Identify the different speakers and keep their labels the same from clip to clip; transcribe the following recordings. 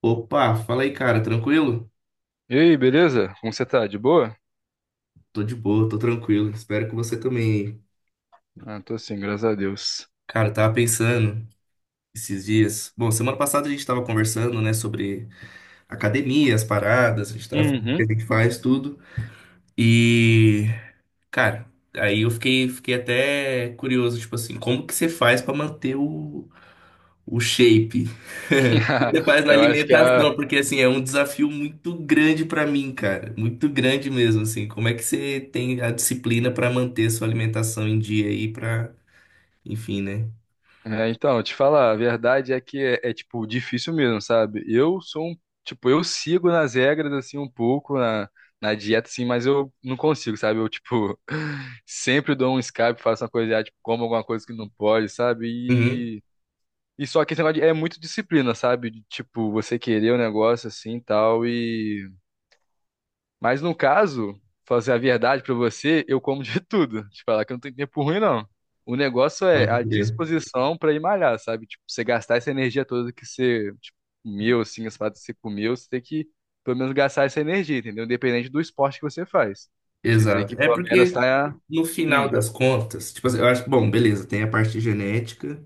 Speaker 1: Opa, fala aí, cara, tranquilo?
Speaker 2: E aí, beleza? Como você tá? De boa?
Speaker 1: Tô de boa, tô tranquilo. Espero que você também.
Speaker 2: Ah, tô sim, graças a Deus.
Speaker 1: Cara, eu tava pensando esses dias. Bom, semana passada a gente tava conversando, né, sobre academia, as paradas, a gente tava falando o que
Speaker 2: Uhum.
Speaker 1: a gente faz, tudo. E, cara, aí eu fiquei até curioso, tipo assim, como que você faz pra manter o shape? Você faz na
Speaker 2: Eu acho que a.
Speaker 1: alimentação, porque assim, é um desafio muito grande pra mim, cara. Muito grande mesmo, assim. Como é que você tem a disciplina pra manter sua alimentação em dia aí pra, enfim, né?
Speaker 2: É, então, te falar, a verdade é que tipo difícil mesmo, sabe? Eu sou um. Tipo, eu sigo nas regras, assim, um pouco, na dieta, assim, mas eu não consigo, sabe? Eu, tipo, sempre dou um escape, faço uma coisa, ah, tipo, como alguma coisa que não pode, sabe?
Speaker 1: Uhum,
Speaker 2: E. E só que esse é muito disciplina, sabe? De, tipo, você querer o negócio assim e tal, e mas no caso, fazer a verdade pra você, eu como de tudo. Te falar que eu não tenho tempo ruim, não. O negócio é
Speaker 1: pode
Speaker 2: a
Speaker 1: crer.
Speaker 2: disposição pra ir malhar, sabe? Tipo, você gastar essa energia toda que você, tipo, comeu, assim, as paradas que você comeu, você tem que pelo menos gastar essa energia, entendeu? Independente do esporte que você faz. Você tem
Speaker 1: Exato.
Speaker 2: que
Speaker 1: É
Speaker 2: pelo menos
Speaker 1: porque
Speaker 2: tá.
Speaker 1: no final
Speaker 2: Hum.
Speaker 1: das contas, tipo assim, eu acho, bom, beleza, tem a parte genética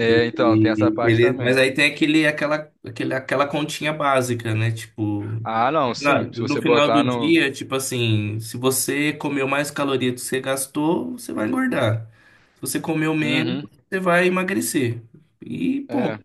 Speaker 1: e
Speaker 2: então, tem essa
Speaker 1: e
Speaker 2: parte
Speaker 1: beleza, mas
Speaker 2: também.
Speaker 1: aí tem aquela continha básica, né? Tipo,
Speaker 2: Ah, não, sim. Se
Speaker 1: No
Speaker 2: você
Speaker 1: final do
Speaker 2: botar no.
Speaker 1: dia, tipo assim, se você comeu mais calorias do que você gastou, você vai engordar. Se você comeu menos,
Speaker 2: Uhum.
Speaker 1: você vai emagrecer. E
Speaker 2: É.
Speaker 1: ponto.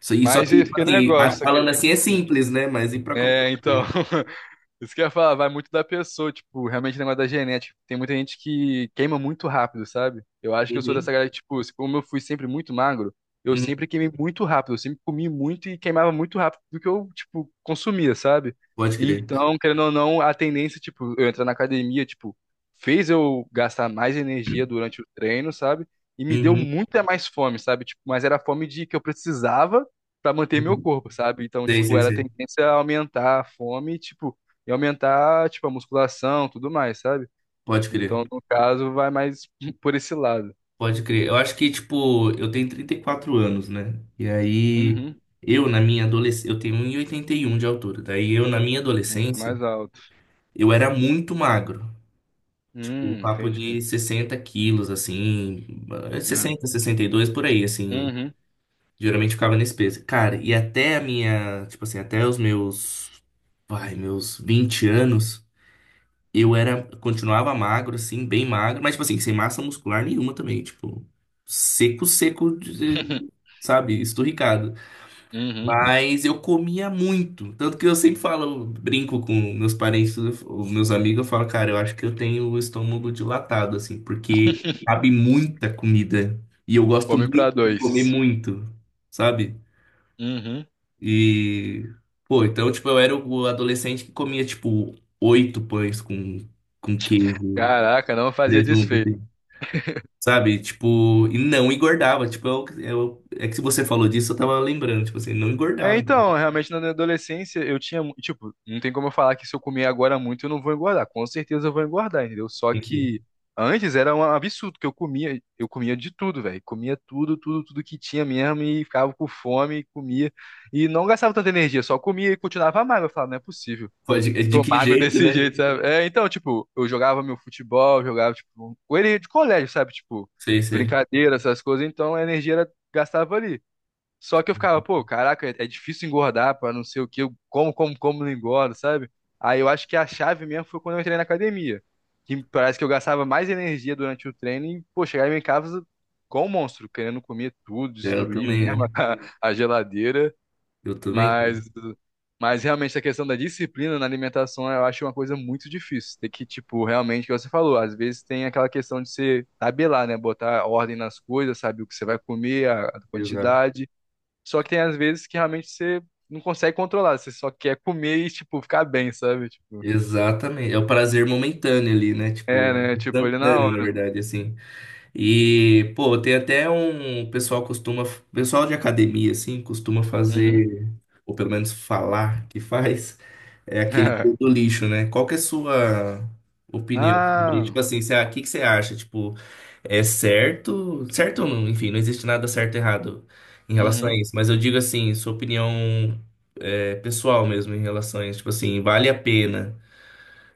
Speaker 1: E só
Speaker 2: Mas
Speaker 1: que, tipo
Speaker 2: esse que
Speaker 1: assim,
Speaker 2: negócio.
Speaker 1: falando
Speaker 2: Que...
Speaker 1: assim é
Speaker 2: Hum,
Speaker 1: simples, né? Mas e pra
Speaker 2: é,
Speaker 1: controlar.
Speaker 2: então. Isso que eu ia falar, vai muito da pessoa, tipo, realmente o negócio da genética. Tem muita gente que queima muito rápido, sabe? Eu acho que eu sou
Speaker 1: Uhum,
Speaker 2: dessa galera que, tipo, como eu fui sempre muito magro, eu
Speaker 1: uhum.
Speaker 2: sempre queimei muito rápido, eu sempre comi muito e queimava muito rápido do que eu, tipo, consumia, sabe?
Speaker 1: Pode crer.
Speaker 2: Então, querendo ou não, a tendência, tipo, eu entrar na academia, tipo, fez eu gastar mais energia durante o treino, sabe? E me deu
Speaker 1: Uhum,
Speaker 2: muita mais fome, sabe? Tipo, mas era a fome de que eu precisava pra manter meu
Speaker 1: uhum.
Speaker 2: corpo, sabe? Então,
Speaker 1: Sei,
Speaker 2: tipo,
Speaker 1: sei,
Speaker 2: era a
Speaker 1: sei.
Speaker 2: tendência a aumentar a fome, tipo, e aumentar, tipo, a musculação, tudo mais, sabe?
Speaker 1: Pode crer.
Speaker 2: Então, no caso, vai mais por esse lado.
Speaker 1: Pode crer. Eu acho que, tipo, eu tenho 34 anos, né? E aí,
Speaker 2: Uhum.
Speaker 1: eu na minha adolescência, eu tenho 1,81 de altura. Daí eu na minha
Speaker 2: Muito
Speaker 1: adolescência.
Speaker 2: mais alto.
Speaker 1: Eu era muito magro. Tipo, o papo
Speaker 2: Entendi.
Speaker 1: de 60 quilos, assim. É
Speaker 2: Ah.
Speaker 1: 60, 62 por aí, assim.
Speaker 2: Uhum.
Speaker 1: Geralmente ficava nesse peso. Cara, e até a minha. Tipo assim, até os meus. Vai, meus 20 anos. Eu era. Continuava magro, assim, bem magro. Mas, tipo assim, sem massa muscular nenhuma também. Tipo, seco, seco, sabe? Esturricado,
Speaker 2: Uhum.
Speaker 1: mas eu comia muito. Tanto que eu sempre falo, brinco com meus parentes, os meus amigos, eu falo, cara, eu acho que eu tenho o estômago dilatado, assim, porque cabe muita comida. E eu gosto
Speaker 2: Fome pra
Speaker 1: muito de comer
Speaker 2: dois.
Speaker 1: muito, sabe?
Speaker 2: Uhum.
Speaker 1: E, pô, então, tipo, eu era o adolescente que comia, tipo, oito pães com queijo,
Speaker 2: Caraca, não fazia
Speaker 1: presunto,
Speaker 2: desfecho.
Speaker 1: assim, sabe? Tipo, e não engordava. Tipo, é que se você falou disso, eu tava lembrando, tipo assim, não
Speaker 2: É,
Speaker 1: engordava.
Speaker 2: então, realmente na minha adolescência eu tinha, tipo, não tem como eu falar que se eu comer agora muito eu não vou engordar. Com certeza eu vou engordar, entendeu? Só
Speaker 1: Enfim.
Speaker 2: que antes era um absurdo que eu comia de tudo, velho. Comia tudo, tudo, tudo que tinha mesmo e ficava com fome, comia e não gastava tanta energia, só comia e continuava magro. Eu falava, não é possível.
Speaker 1: Pode, de
Speaker 2: Tô
Speaker 1: que
Speaker 2: magro
Speaker 1: jeito,
Speaker 2: desse
Speaker 1: né?
Speaker 2: jeito, sabe? É, então, tipo, eu jogava meu futebol, jogava, tipo, com ele de colégio, sabe? Tipo,
Speaker 1: Sei, sei.
Speaker 2: brincadeira, essas coisas, então a energia era, gastava ali. Só que eu ficava, pô, caraca, é difícil engordar pra não sei o quê, eu como, como, como, não engordo, sabe? Aí eu acho que a chave mesmo foi quando eu entrei na academia, que parece que eu gastava mais energia durante o treino e, pô, chegava em casa com um monstro, querendo comer tudo,
Speaker 1: É, eu
Speaker 2: destruir
Speaker 1: também,
Speaker 2: mesmo
Speaker 1: né?
Speaker 2: a geladeira,
Speaker 1: Eu também.
Speaker 2: mas, mas realmente a questão da disciplina na alimentação eu acho uma coisa muito difícil, tem que, tipo, realmente, o que você falou, às vezes tem aquela questão de você tabelar, né, botar ordem nas coisas, sabe o que você vai comer, a
Speaker 1: Exato.
Speaker 2: quantidade, só que tem às vezes que realmente você não consegue controlar, você só quer comer e, tipo, ficar bem, sabe? Tipo,
Speaker 1: Exatamente. É o prazer momentâneo ali, né?
Speaker 2: é,
Speaker 1: Tipo,
Speaker 2: né? Tipo, ele na
Speaker 1: instantâneo, na
Speaker 2: hora.
Speaker 1: verdade, assim. E, pô, tem até um. O pessoal costuma. O Pessoal de academia, assim, costuma
Speaker 2: Uhum.
Speaker 1: fazer. Ou pelo menos falar que faz, é aquele cu do lixo, né? Qual que é a sua opinião sobre,
Speaker 2: Ah,
Speaker 1: tipo assim, o que que você acha? Tipo, é certo? Certo ou não? Enfim, não existe nada certo e errado em relação a
Speaker 2: uhum,
Speaker 1: isso. Mas eu digo assim, sua opinião é, pessoal mesmo em relação a isso. Tipo assim, vale a pena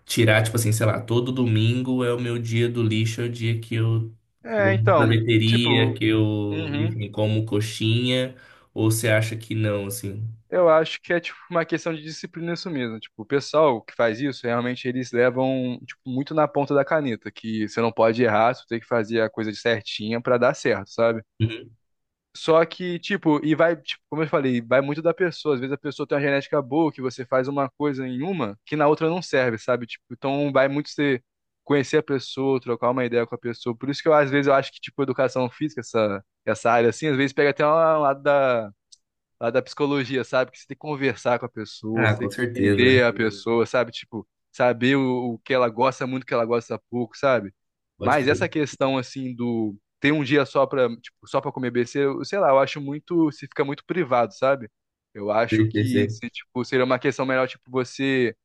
Speaker 1: tirar, tipo assim, sei lá, todo domingo é o meu dia do lixo, é o dia que eu vou
Speaker 2: é,
Speaker 1: na
Speaker 2: então,
Speaker 1: sorveteria,
Speaker 2: tipo,
Speaker 1: que eu,
Speaker 2: uhum.
Speaker 1: enfim, como coxinha, ou você acha que não, assim?
Speaker 2: Eu acho que é, tipo, uma questão de disciplina isso mesmo. Tipo, o pessoal que faz isso, realmente eles levam, tipo, muito na ponta da caneta, que você não pode errar, você tem que fazer a coisa certinha pra dar certo, sabe?
Speaker 1: Uhum.
Speaker 2: Só que, tipo, e vai, tipo, como eu falei, vai muito da pessoa. Às vezes a pessoa tem uma genética boa, que você faz uma coisa em uma, que na outra não serve, sabe? Tipo, então vai muito você conhecer a pessoa, trocar uma ideia com a pessoa. Por isso que eu, às vezes, eu acho que, tipo, educação física, essa área, assim, às vezes pega até um lado da psicologia, sabe? Que você tem que conversar com a pessoa,
Speaker 1: Ah,
Speaker 2: você
Speaker 1: com
Speaker 2: tem que
Speaker 1: certeza, né?
Speaker 2: entender a, uhum, pessoa, sabe? Tipo, saber o que ela gosta muito, o que ela gosta pouco, sabe?
Speaker 1: Pode
Speaker 2: Mas
Speaker 1: crer.
Speaker 2: essa questão assim do ter um dia só para, tipo, só para comer besteira, eu, sei lá, eu acho muito, se fica muito privado, sabe? Eu acho
Speaker 1: Sei, sei,
Speaker 2: que
Speaker 1: sei.
Speaker 2: se, tipo, seria uma questão melhor, tipo, você,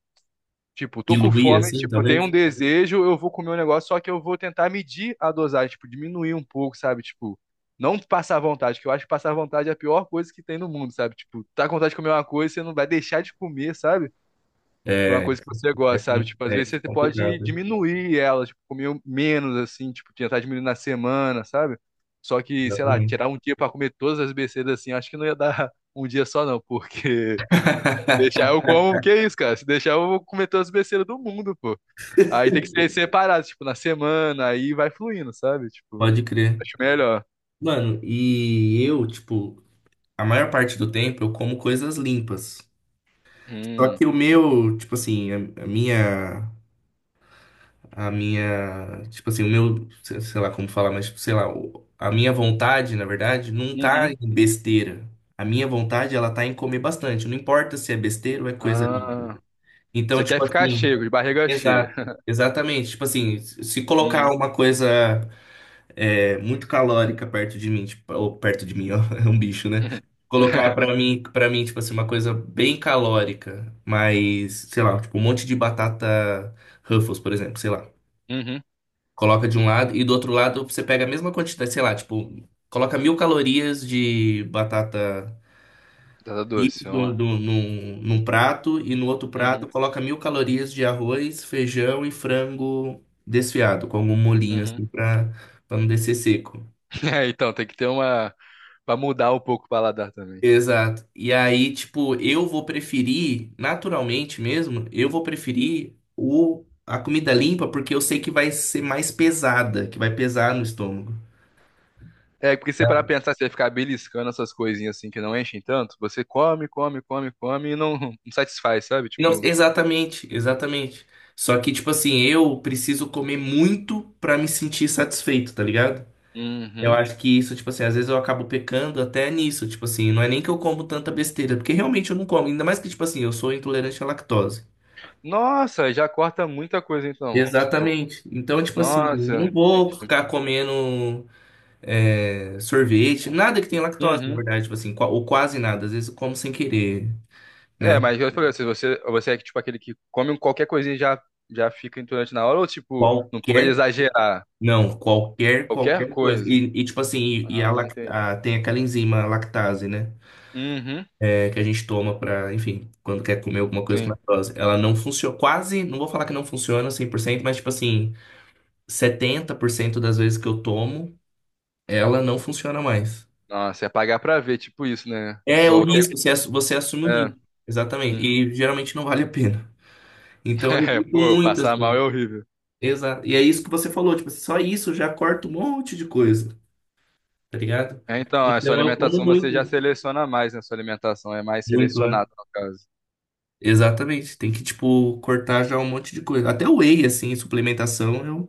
Speaker 2: tipo, tô com
Speaker 1: Diluir
Speaker 2: fome,
Speaker 1: assim,
Speaker 2: tipo, tenho
Speaker 1: talvez?
Speaker 2: um desejo, eu vou comer um negócio, só que eu vou tentar medir a dosagem, tipo, diminuir um pouco, sabe? Tipo, não passar vontade, que eu acho que passar vontade é a pior coisa que tem no mundo, sabe? Tipo, tá com vontade de comer uma coisa, você não vai deixar de comer, sabe? Por uma coisa que você
Speaker 1: É,
Speaker 2: gosta, sabe? Tipo, às
Speaker 1: é,
Speaker 2: vezes
Speaker 1: isso é
Speaker 2: você pode
Speaker 1: complicado, né?
Speaker 2: diminuir ela, tipo, comer um menos, assim, tipo, tentar diminuir na semana, sabe? Só que, sei lá,
Speaker 1: Exatamente.
Speaker 2: tirar um dia pra comer todas as besteiras assim, acho que não ia dar um dia só, não, porque deixar eu como, que é isso, cara? Se deixar eu vou comer todas as besteiras do mundo, pô. Aí tem que ser separado, tipo, na semana, aí vai fluindo, sabe? Tipo,
Speaker 1: Pode crer.
Speaker 2: acho melhor.
Speaker 1: Mano, e eu, tipo, a maior parte do tempo eu como coisas limpas. Só
Speaker 2: Hum.
Speaker 1: que o meu, tipo assim, a minha. Tipo assim, o meu. Sei lá como falar, mas, tipo, sei lá. A minha vontade, na verdade, não tá
Speaker 2: Uhum.
Speaker 1: em besteira. A minha vontade, ela tá em comer bastante. Não importa se é besteira ou é coisa limpa.
Speaker 2: Ah.
Speaker 1: Então,
Speaker 2: Você quer
Speaker 1: tipo
Speaker 2: ficar
Speaker 1: assim.
Speaker 2: cheio, de barriga cheia.
Speaker 1: Exato, exatamente. Tipo assim, se colocar
Speaker 2: Uhum.
Speaker 1: uma coisa muito calórica perto de mim, tipo, ou perto de mim, ó, é um bicho, né? Colocar para mim, tipo assim, uma coisa bem calórica, mas, sei lá, tipo um monte de batata Ruffles, por exemplo, sei lá.
Speaker 2: Uhum.
Speaker 1: Coloca de um lado e do outro lado você pega a mesma quantidade, sei lá, tipo, coloca 1.000 calorias de batata
Speaker 2: Batata
Speaker 1: isso
Speaker 2: doce, vamos lá.
Speaker 1: num prato e no outro prato
Speaker 2: Uhum.
Speaker 1: coloca 1.000 calorias de arroz, feijão e frango desfiado, com algum molhinho assim
Speaker 2: Uhum.
Speaker 1: pra não descer seco.
Speaker 2: É, então, tem que ter uma. Pra mudar um pouco o paladar também.
Speaker 1: Exato. E aí, tipo, eu vou preferir, naturalmente mesmo, eu vou preferir a comida limpa porque eu sei que vai ser mais pesada, que vai pesar no estômago.
Speaker 2: É, porque se você parar pra pensar, você vai ficar beliscando essas coisinhas assim que não enchem tanto, você come, come, come, come e não, satisfaz, sabe?
Speaker 1: Não,
Speaker 2: Tipo,
Speaker 1: exatamente, exatamente. Só que, tipo assim, eu preciso comer muito pra me sentir satisfeito, tá ligado? Eu
Speaker 2: uhum.
Speaker 1: acho que isso, tipo assim, às vezes eu acabo pecando até nisso, tipo assim, não é nem que eu como tanta besteira, porque realmente eu não como, ainda mais que, tipo assim, eu sou intolerante à lactose.
Speaker 2: Nossa, já corta muita coisa então. Tipo,
Speaker 1: Exatamente. Então, tipo assim, eu
Speaker 2: nossa.
Speaker 1: não vou ficar comendo sorvete, nada que tenha lactose, na
Speaker 2: Uhum.
Speaker 1: verdade, tipo assim, ou quase nada, às vezes eu como sem querer,
Speaker 2: É,
Speaker 1: né?
Speaker 2: mas eu falei, se você, é tipo aquele que come qualquer coisinha e já, fica intolerante na hora, ou tipo, não pode
Speaker 1: Qualquer,
Speaker 2: exagerar
Speaker 1: não, qualquer,
Speaker 2: qualquer
Speaker 1: qualquer coisa.
Speaker 2: coisa.
Speaker 1: E, tipo assim, e a,
Speaker 2: Ah, entendi.
Speaker 1: tem aquela enzima lactase, né?
Speaker 2: Uhum.
Speaker 1: É, que a gente toma para, enfim, quando quer comer alguma coisa com
Speaker 2: Sim.
Speaker 1: lactose. Ela não funciona, quase, não vou falar que não funciona 100%, mas tipo assim, 70% das vezes que eu tomo, ela não funciona mais.
Speaker 2: Nossa, é pagar pra ver, tipo isso, né?
Speaker 1: É o
Speaker 2: Só quer.
Speaker 1: risco, você você assume o
Speaker 2: É,
Speaker 1: risco. Exatamente.
Speaker 2: hum.
Speaker 1: E geralmente não vale a pena. Então eu
Speaker 2: É,
Speaker 1: evito
Speaker 2: pô,
Speaker 1: muito,
Speaker 2: passar mal é
Speaker 1: assim.
Speaker 2: horrível.
Speaker 1: Exato. E é isso que você falou, tipo, só isso já corta um monte de coisa, tá ligado?
Speaker 2: É, então, a sua
Speaker 1: Então eu como
Speaker 2: alimentação você já
Speaker 1: muito,
Speaker 2: seleciona mais, né? Sua alimentação é mais
Speaker 1: muito, né?
Speaker 2: selecionada, no caso.
Speaker 1: Exatamente. Tem que, tipo, cortar já um monte de coisa. Até o whey, assim, suplementação,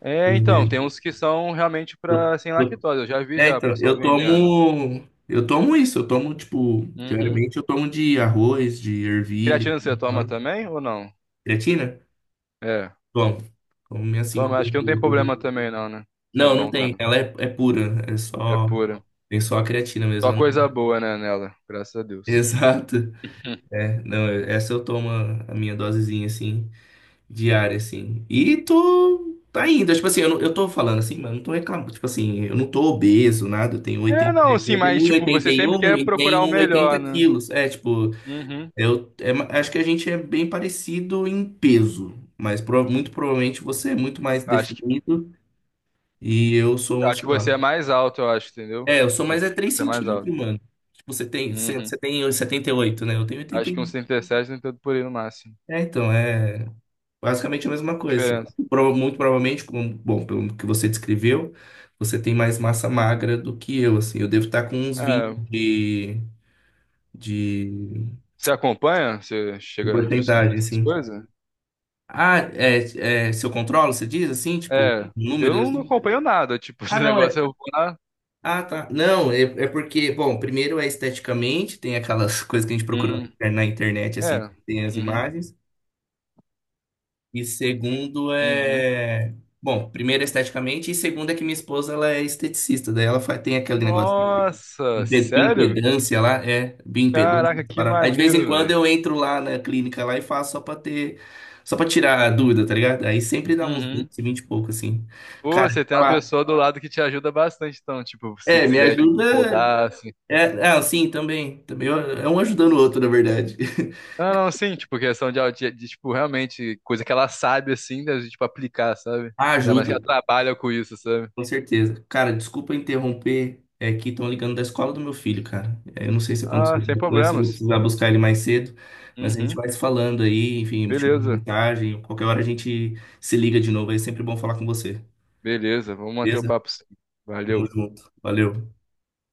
Speaker 2: É, então, tem
Speaker 1: eu.
Speaker 2: uns que são realmente
Speaker 1: Eu-
Speaker 2: pra sem
Speaker 1: eu-
Speaker 2: lactose. Eu já vi
Speaker 1: É,
Speaker 2: já o
Speaker 1: então,
Speaker 2: pessoal
Speaker 1: eu
Speaker 2: vendendo.
Speaker 1: tomo. Eu tomo isso, eu tomo, tipo,
Speaker 2: Uhum.
Speaker 1: diariamente eu tomo de arroz, de ervilha,
Speaker 2: Creatina você toma
Speaker 1: sabe?
Speaker 2: também ou não?
Speaker 1: Creatina?
Speaker 2: É,
Speaker 1: Bom, como minhas cinco
Speaker 2: toma. Acho que não tem
Speaker 1: gramas por dia.
Speaker 2: problema também, não, né? É
Speaker 1: Não, não
Speaker 2: bom
Speaker 1: tem.
Speaker 2: também.
Speaker 1: Ela é pura, é
Speaker 2: É
Speaker 1: só.
Speaker 2: pura.
Speaker 1: Tem só a creatina mesmo.
Speaker 2: Só
Speaker 1: Eu
Speaker 2: coisa
Speaker 1: não-
Speaker 2: boa, né, nela. Graças a Deus.
Speaker 1: Exato. É, não, essa eu tomo a minha dosezinha, assim, diária, assim. E tô, tá indo. Tipo assim, eu, eu tô falando assim, mas não tô reclamando. Tipo assim, eu não tô obeso, nada. Eu tenho
Speaker 2: É,
Speaker 1: 80,
Speaker 2: não, sim, mas
Speaker 1: 81,
Speaker 2: tipo,
Speaker 1: oitenta
Speaker 2: você
Speaker 1: e
Speaker 2: sempre
Speaker 1: um,
Speaker 2: quer
Speaker 1: e tenho
Speaker 2: procurar o
Speaker 1: 1,80
Speaker 2: melhor, né?
Speaker 1: quilos. É, tipo,
Speaker 2: Uhum.
Speaker 1: eu acho que a gente é bem parecido em peso. Mas muito provavelmente você é muito mais
Speaker 2: Acho
Speaker 1: definido e eu
Speaker 2: Eu
Speaker 1: sou,
Speaker 2: acho
Speaker 1: sei
Speaker 2: que você
Speaker 1: lá.
Speaker 2: é mais alto, eu acho, entendeu?
Speaker 1: É, eu sou
Speaker 2: Acho
Speaker 1: mais
Speaker 2: que
Speaker 1: é 3
Speaker 2: você é mais alto.
Speaker 1: centímetros, mano. Tipo, Você tem, você
Speaker 2: Uhum.
Speaker 1: você tem 78, né? Eu tenho
Speaker 2: Acho que uns
Speaker 1: 81.
Speaker 2: 37, 38 por aí no máximo.
Speaker 1: É, então, é. Basicamente a mesma coisa. Você
Speaker 2: Diferença.
Speaker 1: Muito provavelmente, bom, pelo que você descreveu, você tem mais massa magra do que eu, assim. Eu devo estar com uns 20
Speaker 2: É,
Speaker 1: de, de,
Speaker 2: você acompanha? Você
Speaker 1: de
Speaker 2: chega no
Speaker 1: porcentagem,
Speaker 2: nutricionista, essas
Speaker 1: assim.
Speaker 2: coisas?
Speaker 1: Ah, é, se eu controlo, você diz assim, tipo,
Speaker 2: É, eu
Speaker 1: números
Speaker 2: não,
Speaker 1: assim?
Speaker 2: acompanho nada. Tipo, esse
Speaker 1: Ah, não, é.
Speaker 2: negócio eu vou lá.
Speaker 1: Ah, tá. Não, é porque, bom, primeiro é esteticamente, tem aquelas coisas que a gente procura na
Speaker 2: Hum,
Speaker 1: na internet,
Speaker 2: é.
Speaker 1: assim, tem as
Speaker 2: Uhum,
Speaker 1: imagens. E segundo
Speaker 2: uhum.
Speaker 1: é. Bom, primeiro esteticamente, e segundo é que minha esposa ela é esteticista, daí ela faz, tem aquele negócio de
Speaker 2: Nossa,
Speaker 1: impe-
Speaker 2: sério?
Speaker 1: impedância lá, é, bioimpedância.
Speaker 2: Caraca,
Speaker 1: Essa
Speaker 2: que
Speaker 1: parada. Aí de vez em
Speaker 2: maneiro,
Speaker 1: quando
Speaker 2: velho.
Speaker 1: eu entro lá na clínica lá e faço só pra tirar a dúvida, tá ligado? Aí sempre dá uns
Speaker 2: Uhum.
Speaker 1: 20 20 e pouco, assim.
Speaker 2: Pô,
Speaker 1: Cara,
Speaker 2: você tem uma
Speaker 1: falar,
Speaker 2: pessoa do lado que te ajuda bastante, então, tipo, se
Speaker 1: me
Speaker 2: quiser, tipo,
Speaker 1: ajuda.
Speaker 2: rodar, assim,
Speaker 1: É, ah, sim, também. Também é um ajudando o outro, na verdade.
Speaker 2: não, não, sim, tipo, questão de, tipo, realmente, coisa que ela sabe, assim, da gente, tipo, aplicar, sabe?
Speaker 1: Ah,
Speaker 2: Ainda mais que
Speaker 1: ajuda,
Speaker 2: ela trabalha com isso, sabe?
Speaker 1: com certeza. Cara, desculpa interromper. É que estão ligando da escola do meu filho, cara. É, eu não sei se aconteceu
Speaker 2: Ah, sem
Speaker 1: alguma coisa, se eu vou
Speaker 2: problemas.
Speaker 1: precisar buscar ele mais cedo, mas a gente
Speaker 2: Uhum,
Speaker 1: vai se falando aí, enfim, te mando
Speaker 2: beleza,
Speaker 1: mensagem. Qualquer hora a gente se liga de novo. É sempre bom falar com você.
Speaker 2: beleza, vamos manter o
Speaker 1: Beleza?
Speaker 2: papo sim.
Speaker 1: Tamo
Speaker 2: Valeu.
Speaker 1: junto. Valeu.